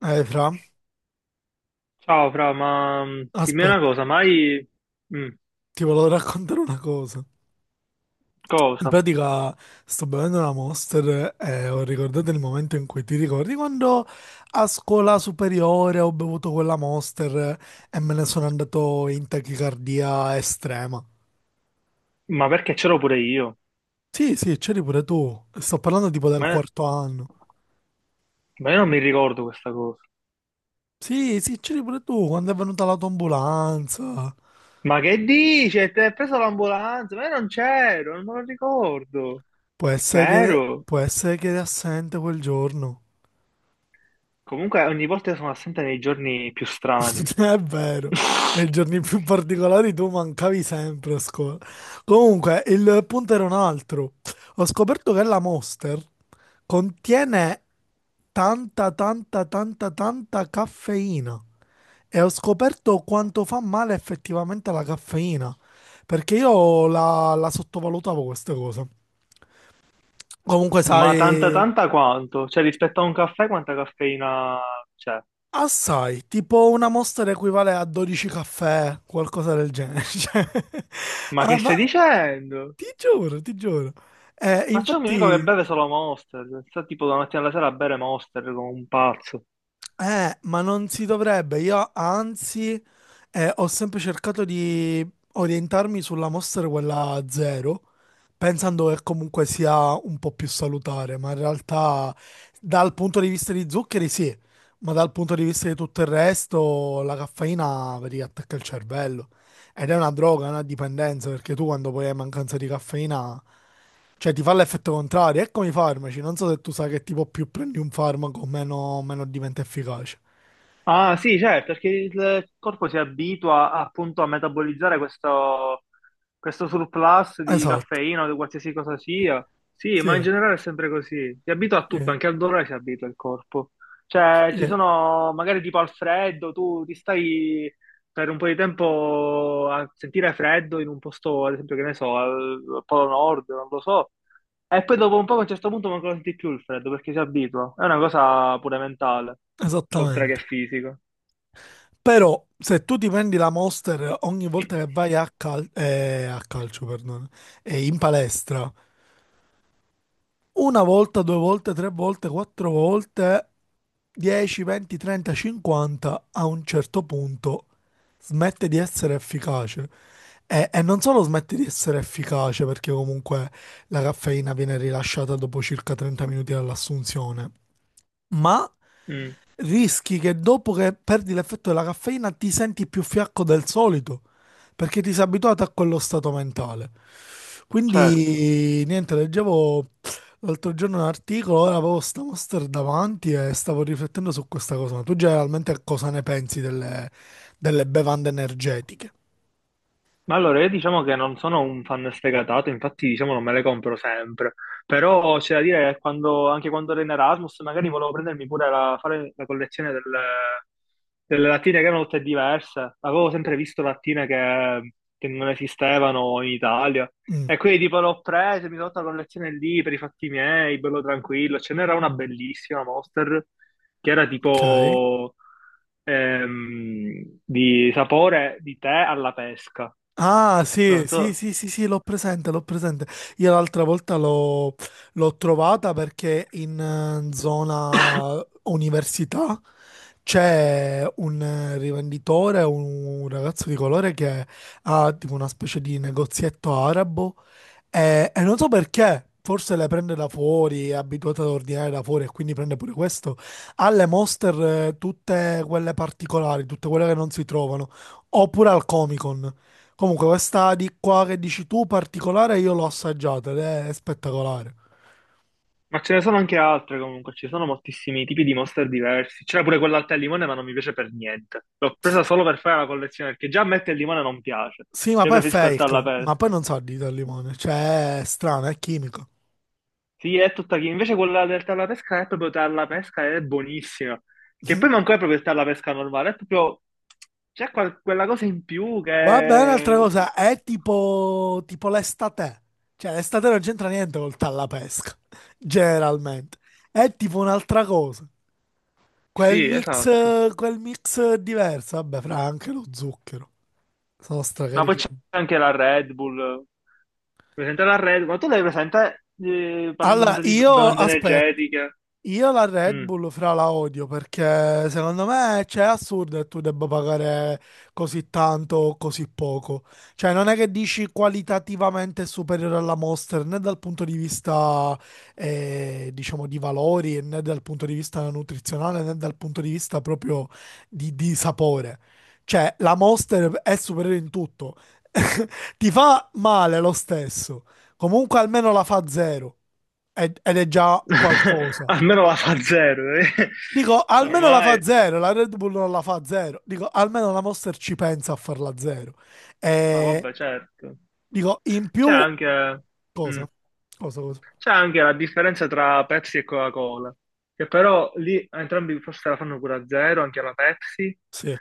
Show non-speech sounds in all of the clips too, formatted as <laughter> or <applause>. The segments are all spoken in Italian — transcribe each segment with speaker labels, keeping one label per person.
Speaker 1: Fra,
Speaker 2: Ciao Fra, ma dimmi una
Speaker 1: aspetta,
Speaker 2: cosa, ma hai... mm,
Speaker 1: ti volevo raccontare una cosa. In
Speaker 2: cosa?
Speaker 1: pratica sto bevendo una Monster e ho ricordato il momento in cui ti ricordi quando a scuola superiore ho bevuto quella Monster e me ne sono andato in tachicardia estrema.
Speaker 2: Ma perché c'ero pure io?
Speaker 1: Sì, sì, c'eri pure tu. Sto parlando tipo del
Speaker 2: Ma,
Speaker 1: quarto anno.
Speaker 2: ma io non mi ricordo questa cosa.
Speaker 1: Sì, sì, c'eri pure tu quando è venuta l'autoambulanza.
Speaker 2: Ma che dici? Ti hai preso l'ambulanza? Ma io non c'ero, non me lo ricordo.
Speaker 1: Può essere che,
Speaker 2: Vero?
Speaker 1: può essere che eri assente quel giorno.
Speaker 2: Comunque ogni volta sono assente nei giorni più strani.
Speaker 1: <laughs> È vero, nei giorni più particolari tu mancavi sempre a scuola. Comunque, il punto era un altro. Ho scoperto che la Monster contiene tanta, tanta, tanta, tanta caffeina. E ho scoperto quanto fa male effettivamente la caffeina. Perché io la sottovalutavo questa cosa. Comunque,
Speaker 2: Ma tanta
Speaker 1: sai,
Speaker 2: tanta quanto? Cioè rispetto a un caffè quanta caffeina c'è?
Speaker 1: assai, tipo una Monster equivale a 12 caffè, qualcosa del genere. <laughs> Cioè,
Speaker 2: Ma
Speaker 1: ah,
Speaker 2: che stai dicendo?
Speaker 1: ti giuro, ti giuro.
Speaker 2: Ma c'è un mio amico che
Speaker 1: Infatti,
Speaker 2: beve solo Monster, sta tipo da mattina alla sera a bere Monster come un pazzo.
Speaker 1: ma non si dovrebbe. Io, anzi, ho sempre cercato di orientarmi sulla mostra quella zero, pensando che comunque sia un po' più salutare, ma in realtà, dal punto di vista di zuccheri, sì, ma dal punto di vista di tutto il resto, la caffeina vedi, attacca il cervello. Ed è una droga, una dipendenza, perché tu quando poi hai mancanza di caffeina. Cioè, ti fa l'effetto contrario. Ecco i farmaci. Non so se tu sai che tipo più prendi un farmaco, meno diventa efficace.
Speaker 2: Ah sì, certo, perché il corpo si abitua appunto a metabolizzare questo surplus di
Speaker 1: Esatto.
Speaker 2: caffeina o di qualsiasi cosa sia. Sì, ma
Speaker 1: Sì,
Speaker 2: in generale è sempre così. Si abitua a tutto,
Speaker 1: sì,
Speaker 2: anche al dolore si abitua il corpo. Cioè, ci
Speaker 1: sì,
Speaker 2: sono magari tipo al freddo, tu ti stai per un po' di tempo a sentire freddo in un posto, ad esempio, che ne so, al Polo Nord, non lo so. E poi dopo un po' a un certo punto non lo senti più il freddo perché si abitua. È una cosa pure mentale, oltre che
Speaker 1: esattamente.
Speaker 2: fisica.
Speaker 1: Però, se tu ti prendi la Monster ogni volta che vai
Speaker 2: <clears throat>
Speaker 1: a, a calcio, perdono, in palestra, una volta, due volte, tre volte, quattro volte, 10, 20, 30, 50, a un certo punto smette di essere efficace. E non solo smette di essere efficace, perché comunque la caffeina viene rilasciata dopo circa 30 minuti dall'assunzione, ma
Speaker 2: Mm,
Speaker 1: rischi che dopo che perdi l'effetto della caffeina ti senti più fiacco del solito, perché ti sei abituato a quello stato mentale.
Speaker 2: certo.
Speaker 1: Quindi, niente, leggevo l'altro giorno un articolo, ora avevo sta Monster davanti e stavo riflettendo su questa cosa. Ma tu generalmente cosa ne pensi delle bevande energetiche?
Speaker 2: Ma allora, io diciamo che non sono un fan sfegatato, infatti diciamo non me le compro sempre, però c'è da dire che quando, anche quando ero in Erasmus magari volevo prendermi pure fare la collezione delle lattine che erano tutte diverse, avevo sempre visto lattine che non esistevano in Italia
Speaker 1: Mm,
Speaker 2: e quindi tipo l'ho presa, mi sono fatta la collezione lì per i fatti miei, bello tranquillo, ce n'era una bellissima Monster che era
Speaker 1: ok.
Speaker 2: tipo di sapore di tè alla pesca.
Speaker 1: Ah,
Speaker 2: Non
Speaker 1: sì, sì,
Speaker 2: so,
Speaker 1: sì, sì, sì, l'ho presente, l'ho presente. Io l'altra volta l'ho trovata perché in zona università c'è un rivenditore, un ragazzo di colore che ha tipo una specie di negozietto arabo e non so perché, forse le prende da fuori, è abituato ad ordinare da fuori e quindi prende pure questo. Ha le Monster tutte quelle particolari, tutte quelle che non si trovano, oppure al Comic Con. Comunque questa di qua che dici tu particolare io l'ho assaggiata ed è spettacolare.
Speaker 2: ma ce ne sono anche altre comunque, ci sono moltissimi tipi di monster diversi. C'era pure quella al tè al limone, ma non mi piace per niente. L'ho presa solo per fare la collezione, perché già a me il tè al limone non piace.
Speaker 1: Sì, ma
Speaker 2: Cioè
Speaker 1: poi è
Speaker 2: preferisco il tè alla
Speaker 1: fake, ma poi
Speaker 2: pesca.
Speaker 1: non sa di al limone, cioè è strano, è chimico.
Speaker 2: Sì, è tutta chi. Invece quella del tè alla pesca è proprio tè alla pesca, ed è buonissima. Che poi
Speaker 1: <laughs>
Speaker 2: manco è proprio il tè alla pesca normale, è proprio... C'è quella cosa in più
Speaker 1: Va bene, un'altra
Speaker 2: che...
Speaker 1: cosa, è tipo l'estate. Cioè, l'estate non c'entra niente col tallapesca, <laughs> generalmente. È tipo un'altra cosa. Quel
Speaker 2: Sì,
Speaker 1: mix,
Speaker 2: esatto.
Speaker 1: quel mix diverso, vabbè, fra anche lo zucchero. Sono
Speaker 2: Ma poi
Speaker 1: stracarichi.
Speaker 2: c'è anche la Red Bull. Presente la Red, ma tu l'hai presente, parlando
Speaker 1: Allora,
Speaker 2: sempre di
Speaker 1: io
Speaker 2: bevande
Speaker 1: aspetto.
Speaker 2: energetiche?
Speaker 1: Io la Red
Speaker 2: Mm.
Speaker 1: Bull fra la odio perché secondo me cioè, è assurdo che tu debba pagare così tanto o così poco. Cioè non è che dici qualitativamente è superiore alla Monster né dal punto di vista diciamo di valori né dal punto di vista nutrizionale né dal punto di vista proprio di sapore. Cioè la Monster è superiore in tutto. <laughs> Ti fa male lo stesso. Comunque almeno la fa zero ed è già
Speaker 2: <laughs>
Speaker 1: qualcosa.
Speaker 2: Almeno la fa zero, eh.
Speaker 1: Dico, almeno la fa
Speaker 2: Ormai.
Speaker 1: zero, la Red Bull non la fa zero. Dico, almeno la Monster ci pensa a farla zero.
Speaker 2: No,
Speaker 1: E
Speaker 2: vabbè, certo.
Speaker 1: dico, in
Speaker 2: C'è
Speaker 1: più,
Speaker 2: anche, mm,
Speaker 1: cosa? Cosa, cosa?
Speaker 2: c'è anche la differenza tra Pepsi e Coca-Cola, che però lì entrambi forse la fanno pure a zero, anche la Pepsi,
Speaker 1: Sì.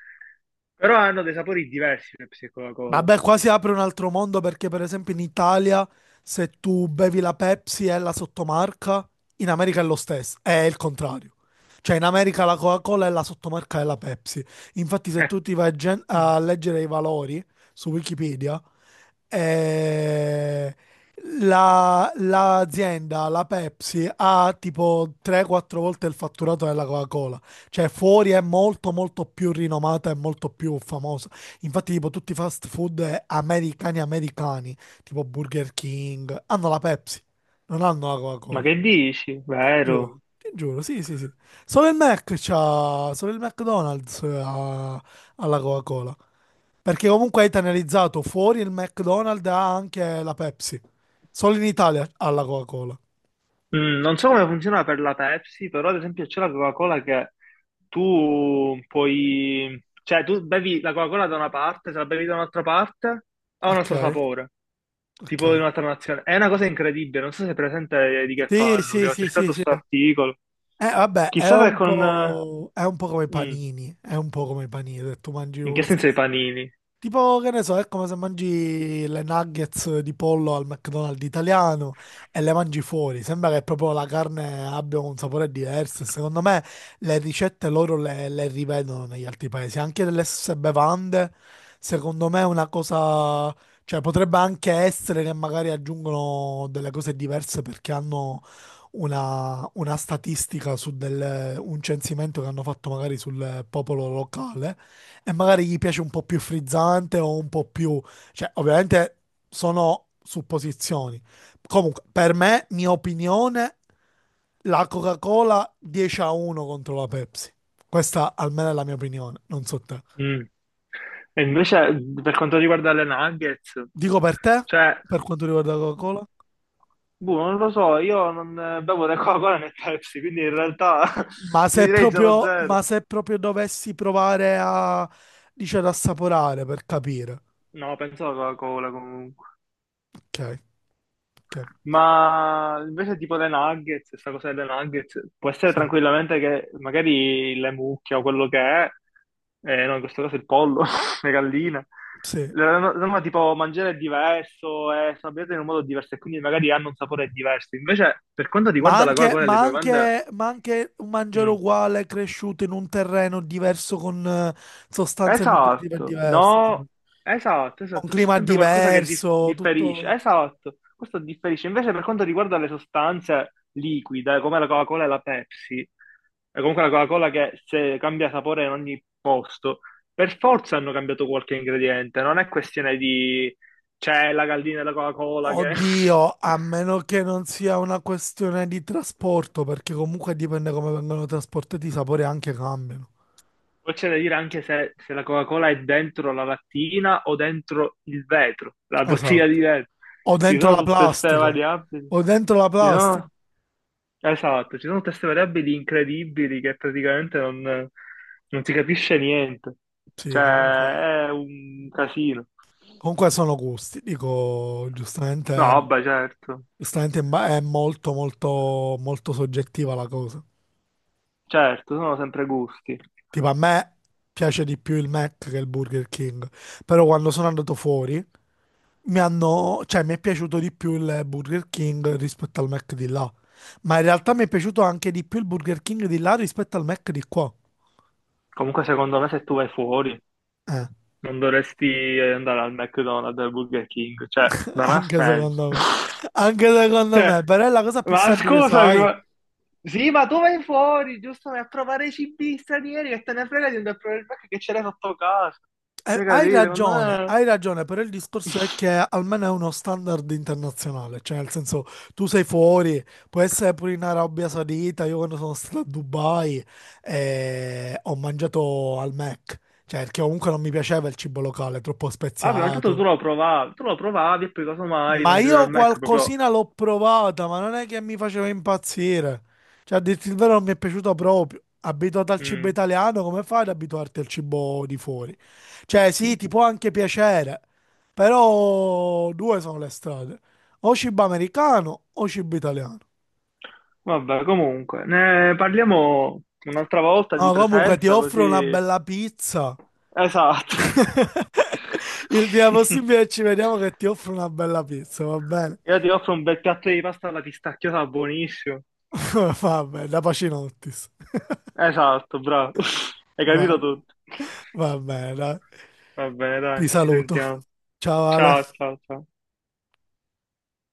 Speaker 2: però hanno dei sapori diversi Pepsi e Coca-Cola.
Speaker 1: Vabbè, qua si apre un altro mondo perché, per esempio, in Italia, se tu bevi la Pepsi è la sottomarca, in America è lo stesso, è il contrario. Cioè, in America la Coca-Cola è la sottomarca della Pepsi. Infatti, se
Speaker 2: Eh,
Speaker 1: tu ti vai a gen-
Speaker 2: mm,
Speaker 1: a leggere i valori su Wikipedia, eh, l'azienda, la Pepsi, ha tipo 3-4 volte il fatturato della Coca-Cola. Cioè, fuori è molto, molto più rinomata e molto più famosa. Infatti, tipo, tutti i fast food americani, tipo Burger King, hanno la Pepsi, non hanno la
Speaker 2: ma
Speaker 1: Coca-Cola.
Speaker 2: che dici?
Speaker 1: Giuro,
Speaker 2: Vero?
Speaker 1: ti giuro, sì, sì, sì. Solo il McDonald's ha la Coca-Cola. Perché comunque hai penalizzato fuori il McDonald's ha anche la Pepsi. Solo in Italia ha la Coca-Cola.
Speaker 2: Mm, non so come funziona per la Pepsi, però ad esempio c'è la Coca-Cola che tu puoi... Cioè, tu bevi la Coca-Cola da una parte, se la bevi da un'altra parte, ha un
Speaker 1: Ok,
Speaker 2: altro sapore,
Speaker 1: ok.
Speaker 2: tipo di un'altra nazione. È una cosa incredibile, non so se è presente di che
Speaker 1: Sì,
Speaker 2: parlo, che
Speaker 1: sì,
Speaker 2: ho
Speaker 1: sì, sì,
Speaker 2: cercato
Speaker 1: sì.
Speaker 2: sto articolo.
Speaker 1: Vabbè, è
Speaker 2: Chissà se
Speaker 1: un
Speaker 2: con...
Speaker 1: po', è un po' come i
Speaker 2: mm,
Speaker 1: panini, è un po' come i panini, se tu mangi
Speaker 2: in che
Speaker 1: lo
Speaker 2: senso i
Speaker 1: stesso.
Speaker 2: panini?
Speaker 1: Tipo, che ne so, è come se mangi le nuggets di pollo al McDonald's italiano e le mangi fuori. Sembra che proprio la carne abbia un sapore diverso. Secondo me le ricette loro le rivedono negli altri paesi. Anche delle stesse bevande, secondo me è una cosa... Cioè, potrebbe anche essere che magari aggiungono delle cose diverse perché hanno una statistica un censimento che hanno fatto magari sul popolo locale e magari gli piace un po' più frizzante o un po' più... cioè ovviamente sono supposizioni. Comunque, per me, mia opinione, la Coca-Cola 10-1 contro la Pepsi. Questa almeno è la mia opinione, non so te.
Speaker 2: Mm. E invece per quanto riguarda le nuggets,
Speaker 1: Dico per te,
Speaker 2: cioè
Speaker 1: per quanto riguarda la Coca-Cola.
Speaker 2: boh, non lo so, io non bevo né Coca-Cola né Pepsi, quindi in realtà <laughs>
Speaker 1: Ma
Speaker 2: ti
Speaker 1: se
Speaker 2: direi
Speaker 1: proprio,
Speaker 2: 0-0.
Speaker 1: ma se proprio dovessi provare a, dice, ad assaporare per capire.
Speaker 2: No, penso alla Coca-Cola comunque.
Speaker 1: Ok, ok,
Speaker 2: Ma invece tipo le nuggets, questa cosa delle nuggets, può essere
Speaker 1: sì,
Speaker 2: tranquillamente che magari le mucche o quello che è, no, in questo caso il pollo, <laughs> le galline,
Speaker 1: sì.
Speaker 2: no, no, tipo mangiare è diverso, è sabbiato in un modo diverso e quindi magari hanno un sapore diverso. Invece per quanto
Speaker 1: Ma
Speaker 2: riguarda la
Speaker 1: anche,
Speaker 2: Coca-Cola e le
Speaker 1: ma
Speaker 2: bevande...
Speaker 1: anche- ma anche un mangiare
Speaker 2: mm,
Speaker 1: uguale cresciuto in un terreno diverso con sostanze nutritive
Speaker 2: esatto,
Speaker 1: diverse, sì.
Speaker 2: no, esatto,
Speaker 1: Con
Speaker 2: esatto, c'è
Speaker 1: clima
Speaker 2: sempre qualcosa che
Speaker 1: diverso,
Speaker 2: differisce,
Speaker 1: tutto...
Speaker 2: esatto, questo differisce. Invece per quanto riguarda le sostanze liquide, come la Coca-Cola e la Pepsi, e comunque la Coca-Cola che se cambia sapore in ogni posto, per forza hanno cambiato qualche ingrediente, non è questione di c'è la gallina della Coca-Cola che... <laughs>
Speaker 1: Oddio, a meno che non sia una questione di trasporto, perché comunque dipende come vengono trasportati, i sapori anche cambiano.
Speaker 2: Poi c'è da dire anche se la Coca-Cola è dentro la lattina o dentro il vetro, la bottiglia di
Speaker 1: Esatto.
Speaker 2: vetro.
Speaker 1: O
Speaker 2: Ci
Speaker 1: dentro
Speaker 2: sono
Speaker 1: la
Speaker 2: tutte queste
Speaker 1: plastica.
Speaker 2: variabili.
Speaker 1: O dentro la
Speaker 2: Ci
Speaker 1: plastica.
Speaker 2: sono, esatto, ci sono queste variabili incredibili che praticamente non si capisce niente.
Speaker 1: Sì, comunque,
Speaker 2: Cioè, è un casino.
Speaker 1: comunque sono gusti. Dico,
Speaker 2: No,
Speaker 1: giustamente...
Speaker 2: vabbè, certo,
Speaker 1: Giustamente è molto molto molto soggettiva la cosa.
Speaker 2: certo, sono sempre gusti.
Speaker 1: Tipo a me piace di più il Mac che il Burger King, però quando sono andato fuori cioè mi è piaciuto di più il Burger King rispetto al Mac di là. Ma in realtà mi è piaciuto anche di più il Burger King di là rispetto al Mac di qua.
Speaker 2: Comunque, secondo me, se tu vai fuori,
Speaker 1: Eh,
Speaker 2: non dovresti andare al McDonald's, al Burger King. Cioè,
Speaker 1: <laughs>
Speaker 2: non ha
Speaker 1: anche
Speaker 2: senso.
Speaker 1: secondo me.
Speaker 2: <laughs>
Speaker 1: Anche secondo
Speaker 2: Cioè,
Speaker 1: me, però è la cosa più
Speaker 2: ma
Speaker 1: semplice,
Speaker 2: scusami,
Speaker 1: sai?
Speaker 2: ma... Sì, ma tu vai fuori, giusto? Vai a provare i cibi stranieri che te ne frega di andare a provare il Mac che ce l'hai sotto casa. Hai
Speaker 1: Hai
Speaker 2: capito? Secondo
Speaker 1: ragione,
Speaker 2: me...
Speaker 1: hai ragione, però il discorso è che almeno è uno standard internazionale, cioè nel senso tu sei fuori, può essere pure in Arabia Saudita, io quando sono stato a Dubai ho mangiato al Mac, cioè perché comunque non mi piaceva il cibo locale, troppo
Speaker 2: Vabbè, ma intanto
Speaker 1: speziato.
Speaker 2: tu lo provavi e poi casomai
Speaker 1: Ma
Speaker 2: mangiavi
Speaker 1: io
Speaker 2: al Mac proprio...
Speaker 1: qualcosina l'ho provata, ma non è che mi faceva impazzire. Cioè, a dirti il vero, non mi è piaciuto proprio. Abituato al cibo
Speaker 2: mm.
Speaker 1: italiano, come fai ad abituarti al cibo di fuori? Cioè, sì, ti può anche piacere, però due sono le strade. O cibo americano o cibo italiano.
Speaker 2: Vabbè, comunque, ne parliamo un'altra volta di
Speaker 1: No, comunque ti
Speaker 2: presenza,
Speaker 1: offro una
Speaker 2: così...
Speaker 1: bella pizza.
Speaker 2: Esatto.
Speaker 1: <laughs> Il prima possibile ci
Speaker 2: <laughs>
Speaker 1: vediamo che ti offro una bella pizza, va bene?
Speaker 2: Io ti offro un bel piatto di pasta alla pistacchiata buonissimo.
Speaker 1: <laughs> Vabbè, da Pacinottis.
Speaker 2: Esatto, bravo. <laughs> Hai
Speaker 1: Va
Speaker 2: capito tutto.
Speaker 1: Va bene, dai.
Speaker 2: Va bene, dai,
Speaker 1: Ti
Speaker 2: ci
Speaker 1: saluto.
Speaker 2: sentiamo.
Speaker 1: Ciao
Speaker 2: Ciao,
Speaker 1: Ale.
Speaker 2: ciao, ciao.